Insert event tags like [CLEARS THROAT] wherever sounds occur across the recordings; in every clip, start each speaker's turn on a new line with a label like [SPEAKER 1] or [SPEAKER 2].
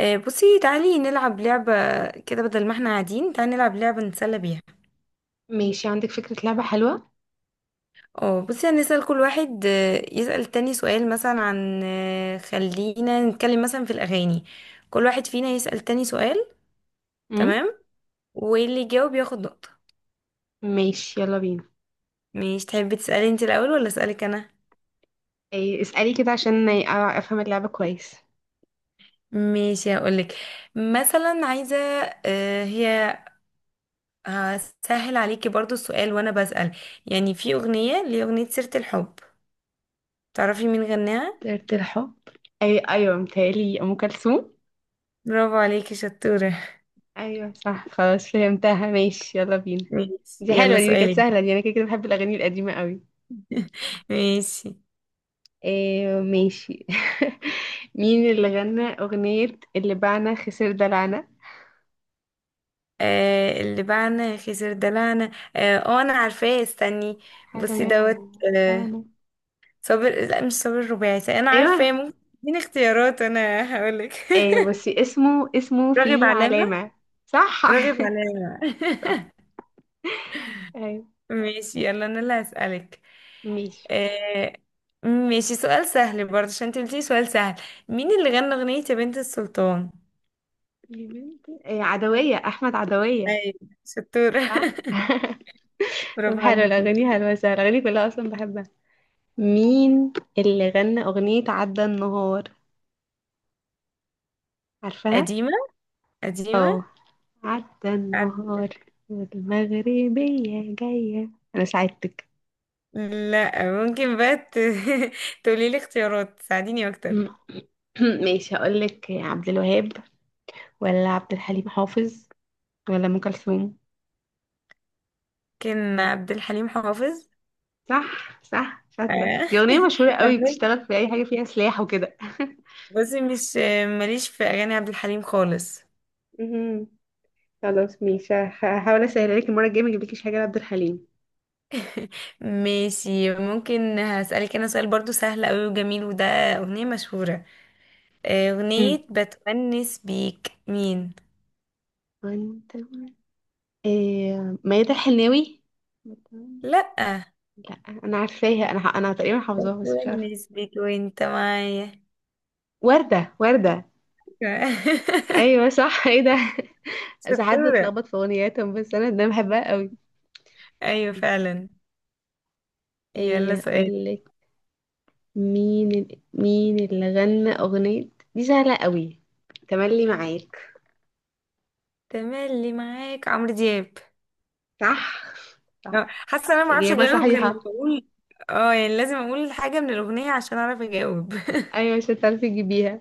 [SPEAKER 1] بصي تعالي نلعب لعبة كده، بدل ما احنا قاعدين. تعالي نلعب لعبة نتسلى بيها.
[SPEAKER 2] ماشي، عندك فكرة لعبة حلوة؟
[SPEAKER 1] اه بصي، هنسأل كل واحد، يسأل التاني سؤال، مثلا عن، خلينا نتكلم مثلا في الأغاني. كل واحد فينا يسأل تاني سؤال.
[SPEAKER 2] امم.
[SPEAKER 1] تمام. واللي يجاوب ياخد نقطة.
[SPEAKER 2] ماشي، يلا بينا.
[SPEAKER 1] مش تحبي تسألي انت الأول ولا أسألك أنا؟
[SPEAKER 2] إيه اسألي كده عشان افهم اللعبة كويس.
[SPEAKER 1] ماشي، هقولك. مثلا عايزة، هي هسهل عليكي برضو السؤال وأنا بسأل. يعني في أغنية، سيرة الحب، تعرفي مين غناها؟
[SPEAKER 2] طيرة الحب. اي ايوه، متهيألي ام كلثوم.
[SPEAKER 1] برافو عليكي، شطورة.
[SPEAKER 2] ايوه صح، خلاص فهمتها. ماشي يلا بينا.
[SPEAKER 1] ماشي،
[SPEAKER 2] دي حلوة،
[SPEAKER 1] يلا
[SPEAKER 2] دي كانت
[SPEAKER 1] سؤالي.
[SPEAKER 2] سهلة، دي انا كده كده بحب الاغاني القديمة قوي.
[SPEAKER 1] [LAUGHS] ماشي.
[SPEAKER 2] إيه، ماشي. [LAUGHS] مين اللي غنى اغنية اللي بعنا خسر دلعنا؟
[SPEAKER 1] آه، اللي بعنا خسر دلعنا. انا عارفاه، استني.
[SPEAKER 2] حلو،
[SPEAKER 1] بصي دوت.
[SPEAKER 2] يلا.
[SPEAKER 1] آه.
[SPEAKER 2] بعنا.
[SPEAKER 1] صابر، لا، مش صابر. الرباعي، انا
[SPEAKER 2] ايوه.
[SPEAKER 1] عارفاه. ممكن تديني اختيارات انا هقولك.
[SPEAKER 2] إيه،
[SPEAKER 1] [LAUGHS]
[SPEAKER 2] بس اسمه
[SPEAKER 1] راغب
[SPEAKER 2] فيه
[SPEAKER 1] علامة.
[SPEAKER 2] علامة. صح.
[SPEAKER 1] راغب
[SPEAKER 2] [LAUGHS]
[SPEAKER 1] علامة.
[SPEAKER 2] صح.
[SPEAKER 1] [LAUGHS]
[SPEAKER 2] ايوه.
[SPEAKER 1] ماشي، يلا انا اللي هسألك.
[SPEAKER 2] ماشي.
[SPEAKER 1] آه. ماشي، سؤال سهل برضه عشان انت قلتي سؤال سهل. مين اللي غنى أغنية يا بنت السلطان؟
[SPEAKER 2] يا بنتي إيه، عدوية، أحمد عدوية.
[SPEAKER 1] ايوه، شطورة.
[SPEAKER 2] صح؟
[SPEAKER 1] [LAUGHS]
[SPEAKER 2] [LAUGHS] طب
[SPEAKER 1] برافو
[SPEAKER 2] حلو،
[SPEAKER 1] عليكي.
[SPEAKER 2] الأغاني حلوة سهلة، الأغاني كلها أصلا بحبها. مين اللي غنى أغنية عدى النهار؟ عارفاها؟
[SPEAKER 1] قديمة، قديمة.
[SPEAKER 2] اه. عدى النهار.
[SPEAKER 1] عد...
[SPEAKER 2] والمغربية جاية، أنا ساعدتك.
[SPEAKER 1] لا، ممكن بقى [LAUGHS] تقولي لي اختيارات تساعديني اكتر.
[SPEAKER 2] [CLEARS THROAT] ماشي، هقولك عبد الوهاب ولا عبد الحليم حافظ ولا أم كلثوم؟
[SPEAKER 1] ممكن عبد الحليم حافظ.
[SPEAKER 2] صح صح، شاطرة.
[SPEAKER 1] آه.
[SPEAKER 2] دي أغنية
[SPEAKER 1] [LAUGHS]
[SPEAKER 2] مشهورة قوي،
[SPEAKER 1] حافظ.
[SPEAKER 2] بتشتغل في أي حاجة فيها سلاح وكده.
[SPEAKER 1] بصي، مش ماليش في اغاني عبد الحليم خالص.
[SPEAKER 2] [LAUGHS] مهم. خلاص ماشي، هحاول اسهل عليك المره الجايه، ما اجيبلكيش حاجه لعبد الحليم.
[SPEAKER 1] ماشي، ممكن هسألك انا سؤال برضو سهل قوي وجميل، وده اغنية مشهورة.
[SPEAKER 2] امم.
[SPEAKER 1] اغنية بتونس بيك مين؟
[SPEAKER 2] وانت؟ إيه، ميادة الحناوي؟
[SPEAKER 1] لا.
[SPEAKER 2] لا. انا عارفاها، انا تقريبا حافظاها، بس مش عارفه.
[SPEAKER 1] بتونس بيك وانت معايا.
[SPEAKER 2] ورده ورده.
[SPEAKER 1] [LAUGHS]
[SPEAKER 2] ايوه صح، ايه ده؟ [LAUGHS] ساعات
[SPEAKER 1] شطورة.
[SPEAKER 2] بتلخبط في اغنياتهم، بس انا ده بحبها قوي.
[SPEAKER 1] ايوه فعلا. يلا
[SPEAKER 2] ايه
[SPEAKER 1] سؤال.
[SPEAKER 2] اقول لك. مين اللي غنى اغنيه، دي سهله قوي، تملي معاك؟
[SPEAKER 1] تملي معاك عمرو دياب.
[SPEAKER 2] صح. صح.
[SPEAKER 1] حاسه انا ما اعرفش
[SPEAKER 2] اجابه
[SPEAKER 1] اجاوب غير لما
[SPEAKER 2] صحيحه،
[SPEAKER 1] اقول. اه يعني لازم اقول حاجه من الاغنيه عشان اعرف اجاوب. [LAUGHS]
[SPEAKER 2] ايوه مش هتعرفي تجيبيها،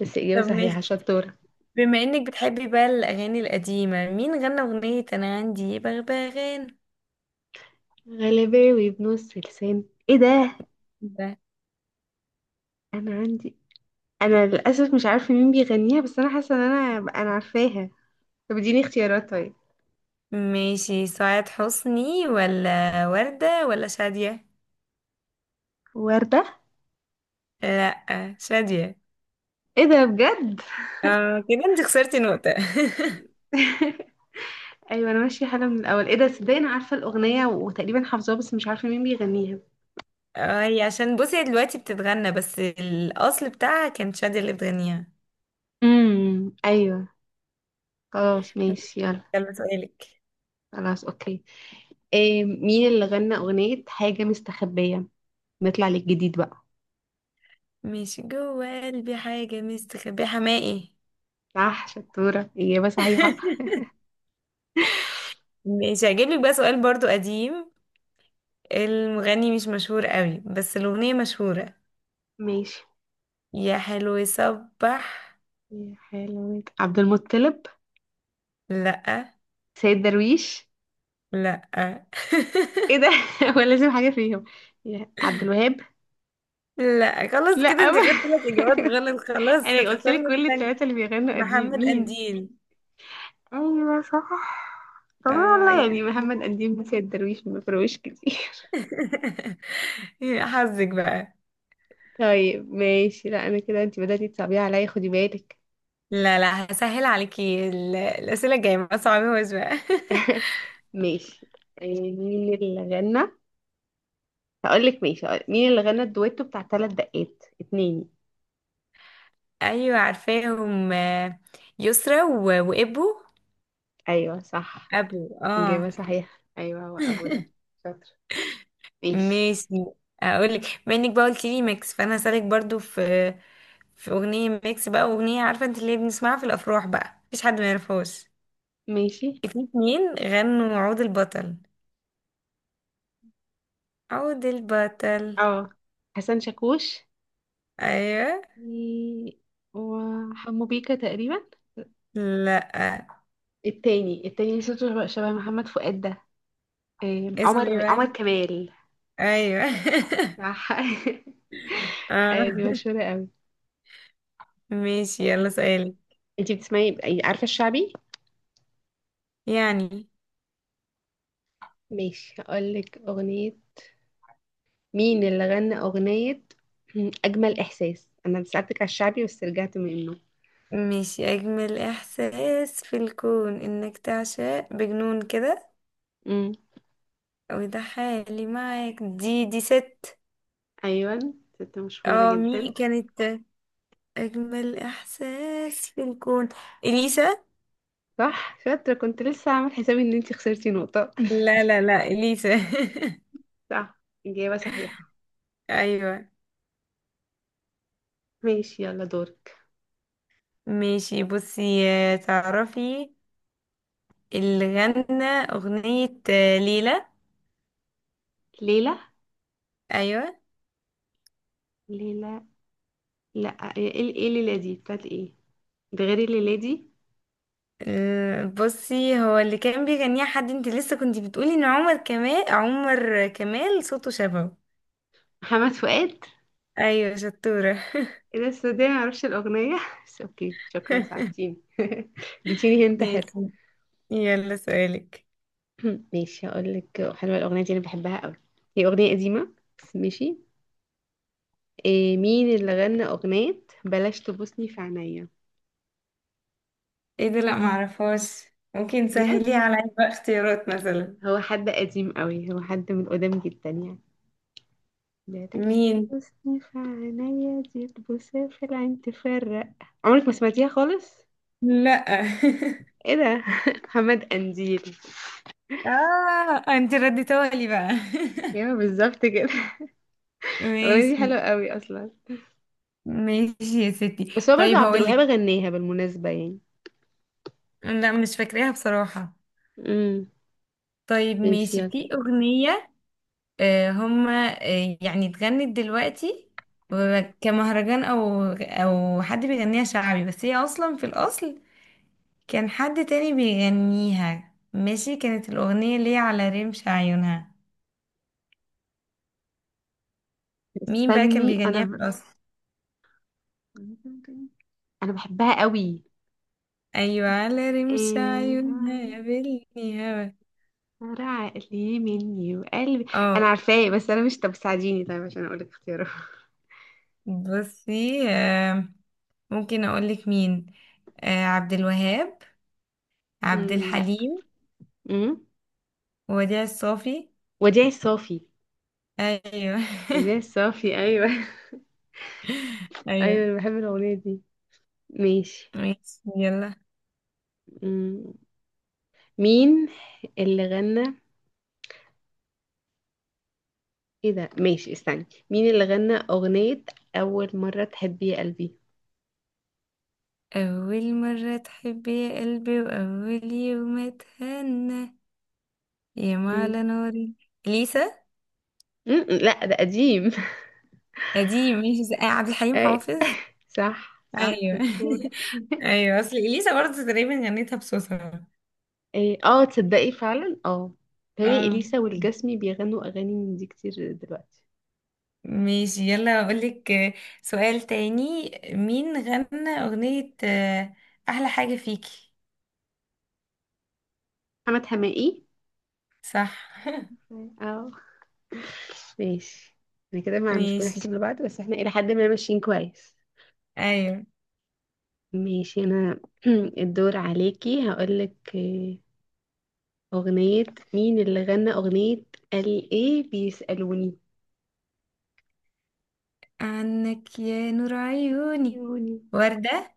[SPEAKER 2] بس اجابه
[SPEAKER 1] طب
[SPEAKER 2] صحيحه،
[SPEAKER 1] ماشي.
[SPEAKER 2] شطوره.
[SPEAKER 1] بما انك بتحبي بقى الاغاني القديمه، مين غنى اغنيه انا عندي بغبغان؟
[SPEAKER 2] غلباوي بنص لسان. ايه ده؟
[SPEAKER 1] ده
[SPEAKER 2] انا عندي، انا للاسف مش عارفه مين بيغنيها، بس انا حاسه ان انا عارفاها. طب اديني اختيارات طيب.
[SPEAKER 1] ماشي. سعاد حسني ولا وردة ولا شادية؟
[SPEAKER 2] وردة.
[SPEAKER 1] لا، شادية.
[SPEAKER 2] ايه ده بجد؟
[SPEAKER 1] اه كده انت خسرتي نقطة.
[SPEAKER 2] [LAUGHS] ايوه، انا ماشيه حاله من الاول، ايه ده، صدقني انا عارفه الاغنيه وتقريبا حافظاها بس مش عارفه مين بيغنيها.
[SPEAKER 1] [LAUGHS] اه هي عشان بصي، هي دلوقتي بتتغنى، بس الاصل بتاعها كانت شادية اللي بتغنيها.
[SPEAKER 2] امم. ايوه. خلاص ماشي، يلا.
[SPEAKER 1] يلا سؤالك.
[SPEAKER 2] خلاص اوكي. إيه، مين اللي غنى اغنيه حاجه مستخبيه؟ نطلع للجديد بقى.
[SPEAKER 1] مش جوه قلبي حاجة مستخبية، حماقي.
[SPEAKER 2] صح، شطوره، اجابه صحيحه.
[SPEAKER 1] [LAUGHS] مش هجيب لك بقى سؤال برضو قديم. المغني مش مشهور قوي بس الأغنية مشهورة.
[SPEAKER 2] ماشي.
[SPEAKER 1] يا حلو يصبح.
[SPEAKER 2] يا حلوة، عبد المطلب؟
[SPEAKER 1] لأ.
[SPEAKER 2] سيد درويش؟
[SPEAKER 1] لأ. [LAUGHS]
[SPEAKER 2] ايه ده؟ [LAUGHS] هو لازم حاجة فيهم، يا عبد الوهاب؟
[SPEAKER 1] لأ. خلاص
[SPEAKER 2] لا،
[SPEAKER 1] كده انت خدت ثلاث إجابات غلط،
[SPEAKER 2] [LAUGHS]
[SPEAKER 1] خلاص
[SPEAKER 2] انا قلت
[SPEAKER 1] هتخسري
[SPEAKER 2] لك
[SPEAKER 1] نقطة
[SPEAKER 2] كل
[SPEAKER 1] تانية.
[SPEAKER 2] الثلاثة اللي بيغنوا قديم،
[SPEAKER 1] محمد
[SPEAKER 2] مين؟
[SPEAKER 1] قنديل.
[SPEAKER 2] ايوه صح. طب
[SPEAKER 1] اه
[SPEAKER 2] والله
[SPEAKER 1] يا
[SPEAKER 2] يعني
[SPEAKER 1] حلو.
[SPEAKER 2] محمد قديم، سيد درويش، ما فرقوش كتير. [LAUGHS]
[SPEAKER 1] [LAUGHS] يا حظك بقى.
[SPEAKER 2] طيب ماشي، لا انا كده، انت بدأتي تصعبيها عليا، خدي بالك.
[SPEAKER 1] لا لا، هسهل عليكي الأسئلة الجاية، ما صعبهاش بقى. [LAUGHS]
[SPEAKER 2] [LAUGHS] ماشي. مين اللي غنى، هقول لك ماشي، مين اللي غنى الدويتو بتاع ثلاث دقات اتنين؟
[SPEAKER 1] ايوه عارفاهم. يسرا وابو.
[SPEAKER 2] ايوه صح،
[SPEAKER 1] ابو، اه.
[SPEAKER 2] اجابه صحيحه، ايوه هو ابو ده. شاطر. ماشي.
[SPEAKER 1] ماشي. اقولك، بما انك بقى قلت لي ميكس، فانا هسألك برضو في، في اغنيه ميكس بقى. اغنيه عارفه انت اللي بنسمعها في الافراح بقى، مفيش حد ما يعرفهاش.
[SPEAKER 2] ماشي.
[SPEAKER 1] في اتنين غنوا عود البطل. عود البطل.
[SPEAKER 2] اه. حسن شاكوش
[SPEAKER 1] ايوه.
[SPEAKER 2] و- وحمو بيكا تقريبا.
[SPEAKER 1] لا.
[SPEAKER 2] التاني صوته شبه محمد فؤاد ده.
[SPEAKER 1] اسمه ايه
[SPEAKER 2] عمر
[SPEAKER 1] بقى؟
[SPEAKER 2] كمال.
[SPEAKER 1] ايوه. [LAUGHS]
[SPEAKER 2] صح. [LAUGHS] دي
[SPEAKER 1] اه.
[SPEAKER 2] مشهورة قوي.
[SPEAKER 1] ماشي، يلا
[SPEAKER 2] مم.
[SPEAKER 1] سؤالي.
[SPEAKER 2] انتي بتسمعي عارفة الشعبي؟
[SPEAKER 1] يعني.
[SPEAKER 2] ماشي هقولك أغنية، مين اللي غنى أغنية [CLEARS THROAT] أجمل إحساس. أنا سألتك على الشعبي بس رجعت منه.
[SPEAKER 1] ماشي. أجمل إحساس في الكون إنك تعشق بجنون كده،
[SPEAKER 2] امم.
[SPEAKER 1] وده حالي معاك. دي ست.
[SPEAKER 2] أيوة، ست مشهورة
[SPEAKER 1] اه مي
[SPEAKER 2] جدا.
[SPEAKER 1] كانت، أجمل إحساس في الكون، إليسا.
[SPEAKER 2] صح، شاطرة، كنت لسه عامل حسابي إن انتي خسرتي نقطة.
[SPEAKER 1] لا لا لا، إليسا. [LAUGHS]
[SPEAKER 2] [LAUGHS] صح، إجابة صحيحة.
[SPEAKER 1] أيوة.
[SPEAKER 2] ماشي، يلا دورك.
[SPEAKER 1] ماشي. بصي تعرفي اللي غنى أغنية ليلى؟
[SPEAKER 2] ليلى.
[SPEAKER 1] أيوة.
[SPEAKER 2] ليلى. لا. ايه ليلى دي بتاعت ايه؟ ده غير الليلة دي.
[SPEAKER 1] بصي، هو اللي كان بيغنيها حد انت لسه كنت بتقولي ان عمر كمال، عمر كمال، صوته شبهه.
[SPEAKER 2] محمد فؤاد.
[SPEAKER 1] ايوه شطورة.
[SPEAKER 2] ايه ده، السعودية معرفش الأغنية. [LAUGHS] بس اوكي، شكرا
[SPEAKER 1] [LAUGHS]
[SPEAKER 2] ساعدتيني. [LAUGHS] اديتيني هنت، حلو.
[SPEAKER 1] ماشي، يلا سؤالك.
[SPEAKER 2] [CLEARS THROAT] ماشي هقول لك، حلوة الأغنية دي أنا بحبها قوي، هي أغنية قديمة بس ماشي. إيه، مين اللي غنى أغنية بلاش تبوسني في عينيا؟
[SPEAKER 1] ايه ده، لا معرفهاش. ممكن
[SPEAKER 2] بجد؟
[SPEAKER 1] سهليه على بقى، اختيارات مثلا.
[SPEAKER 2] هو حد قديم قوي، هو حد من قدام جدا يعني. بلاش
[SPEAKER 1] مين؟
[SPEAKER 2] تبوسني في عينيا، دي تبوسها في العين تفرق. عمرك ما سمعتيها خالص؟
[SPEAKER 1] لا. [LAUGHS]
[SPEAKER 2] ايه ده. [LAUGHS] محمد قنديل.
[SPEAKER 1] اه انت رديتها لي بقى.
[SPEAKER 2] ايوه بالظبط كده.
[SPEAKER 1] [LAUGHS]
[SPEAKER 2] [LAUGHS] الاغنيه دي
[SPEAKER 1] ماشي.
[SPEAKER 2] حلوه قوي اصلا،
[SPEAKER 1] ماشي يا ستي،
[SPEAKER 2] بس هو برضه
[SPEAKER 1] طيب
[SPEAKER 2] عبد
[SPEAKER 1] هقول لك.
[SPEAKER 2] الوهاب غناها بالمناسبه يعني.
[SPEAKER 1] لا مش فاكراها بصراحة.
[SPEAKER 2] امم.
[SPEAKER 1] طيب
[SPEAKER 2] ماشي،
[SPEAKER 1] ماشي.
[SPEAKER 2] يلا.
[SPEAKER 1] في أغنية، هما، يعني اتغنت دلوقتي كمهرجان، او او حد بيغنيها شعبي، بس هي اصلا في الاصل كان حد تاني بيغنيها. ماشي. كانت الأغنية ليه على رمش عيونها. مين بقى كان
[SPEAKER 2] استني انا
[SPEAKER 1] بيغنيها في الأصل؟
[SPEAKER 2] انا بحبها قوي.
[SPEAKER 1] أيوة، على رمش عيونها يا
[SPEAKER 2] إيه...
[SPEAKER 1] بني هوا.
[SPEAKER 2] ترى عقلي مني وقلبي. انا
[SPEAKER 1] اه
[SPEAKER 2] عارفاه، بس انا مش، طب ساعديني طيب عشان اقول لك اختياره. [LAUGHS]
[SPEAKER 1] بصي ممكن أقولك مين. عبد الوهاب، عبد
[SPEAKER 2] لا.
[SPEAKER 1] الحليم،
[SPEAKER 2] امم.
[SPEAKER 1] وديع الصافي.
[SPEAKER 2] وديع الصافي؟
[SPEAKER 1] أيوة.
[SPEAKER 2] مدينة الصافي، أيوة. [LAUGHS]
[SPEAKER 1] [LAUGHS]
[SPEAKER 2] أيوة
[SPEAKER 1] أيوة.
[SPEAKER 2] أنا بحب الأغنية دي. ماشي.
[SPEAKER 1] ماشي يلا.
[SPEAKER 2] مم. مين اللي غنى، ايه ده ماشي استني، مين اللي غنى أغنية أول مرة تحبي يا قلبي؟
[SPEAKER 1] أول مرة تحب يا قلبي وأول يوم أتهنى، يا
[SPEAKER 2] مم.
[SPEAKER 1] معلى نوري ليسا.
[SPEAKER 2] مم. لا، ده قديم.
[SPEAKER 1] دي ماشي عبد
[SPEAKER 2] [LAUGHS]
[SPEAKER 1] الحليم
[SPEAKER 2] أي،
[SPEAKER 1] حافظ.
[SPEAKER 2] صح صح،
[SPEAKER 1] ايوه.
[SPEAKER 2] شطورة.
[SPEAKER 1] [LAUGHS]
[SPEAKER 2] [LAUGHS]
[SPEAKER 1] ايوه اصل اليسا برضه تقريبا غنيتها بصوصها.
[SPEAKER 2] إيه، اه تصدقي فعلا، اه. تهيألي
[SPEAKER 1] اه
[SPEAKER 2] إليسا والجسمي بيغنوا أغاني من دي كتير دلوقتي.
[SPEAKER 1] ماشي، يلا اقولك سؤال تاني. مين غنى اغنية احلى حاجة فيكي؟
[SPEAKER 2] محمد حماقي.
[SPEAKER 1] صح.
[SPEAKER 2] اه. ماشي. احنا كده ما مش
[SPEAKER 1] ماشي.
[SPEAKER 2] بنحسب لبعض، بس احنا إلى حد ما ماشيين كويس.
[SPEAKER 1] ايوه.
[SPEAKER 2] ماشي انا. [CLEARS THROAT] الدور عليكي، هقولك اغنية، مين اللي غنى اغنية قال ايه بيسألوني
[SPEAKER 1] عنك يا نور عيوني.
[SPEAKER 2] عيوني؟
[SPEAKER 1] وردة.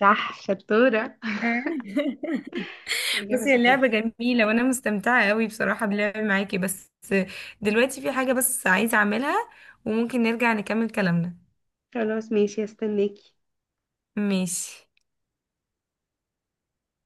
[SPEAKER 2] صح شطورة.
[SPEAKER 1] [LAUGHS]
[SPEAKER 2] [LAUGHS] إجابة
[SPEAKER 1] بصي اللعبة
[SPEAKER 2] صحيحة.
[SPEAKER 1] جميلة وأنا مستمتعة قوي بصراحة باللعب معاكي، بس دلوقتي في حاجة بس عايزة أعملها، وممكن نرجع نكمل كلامنا.
[SPEAKER 2] خلاص ماشي، استناكي.
[SPEAKER 1] ماشي.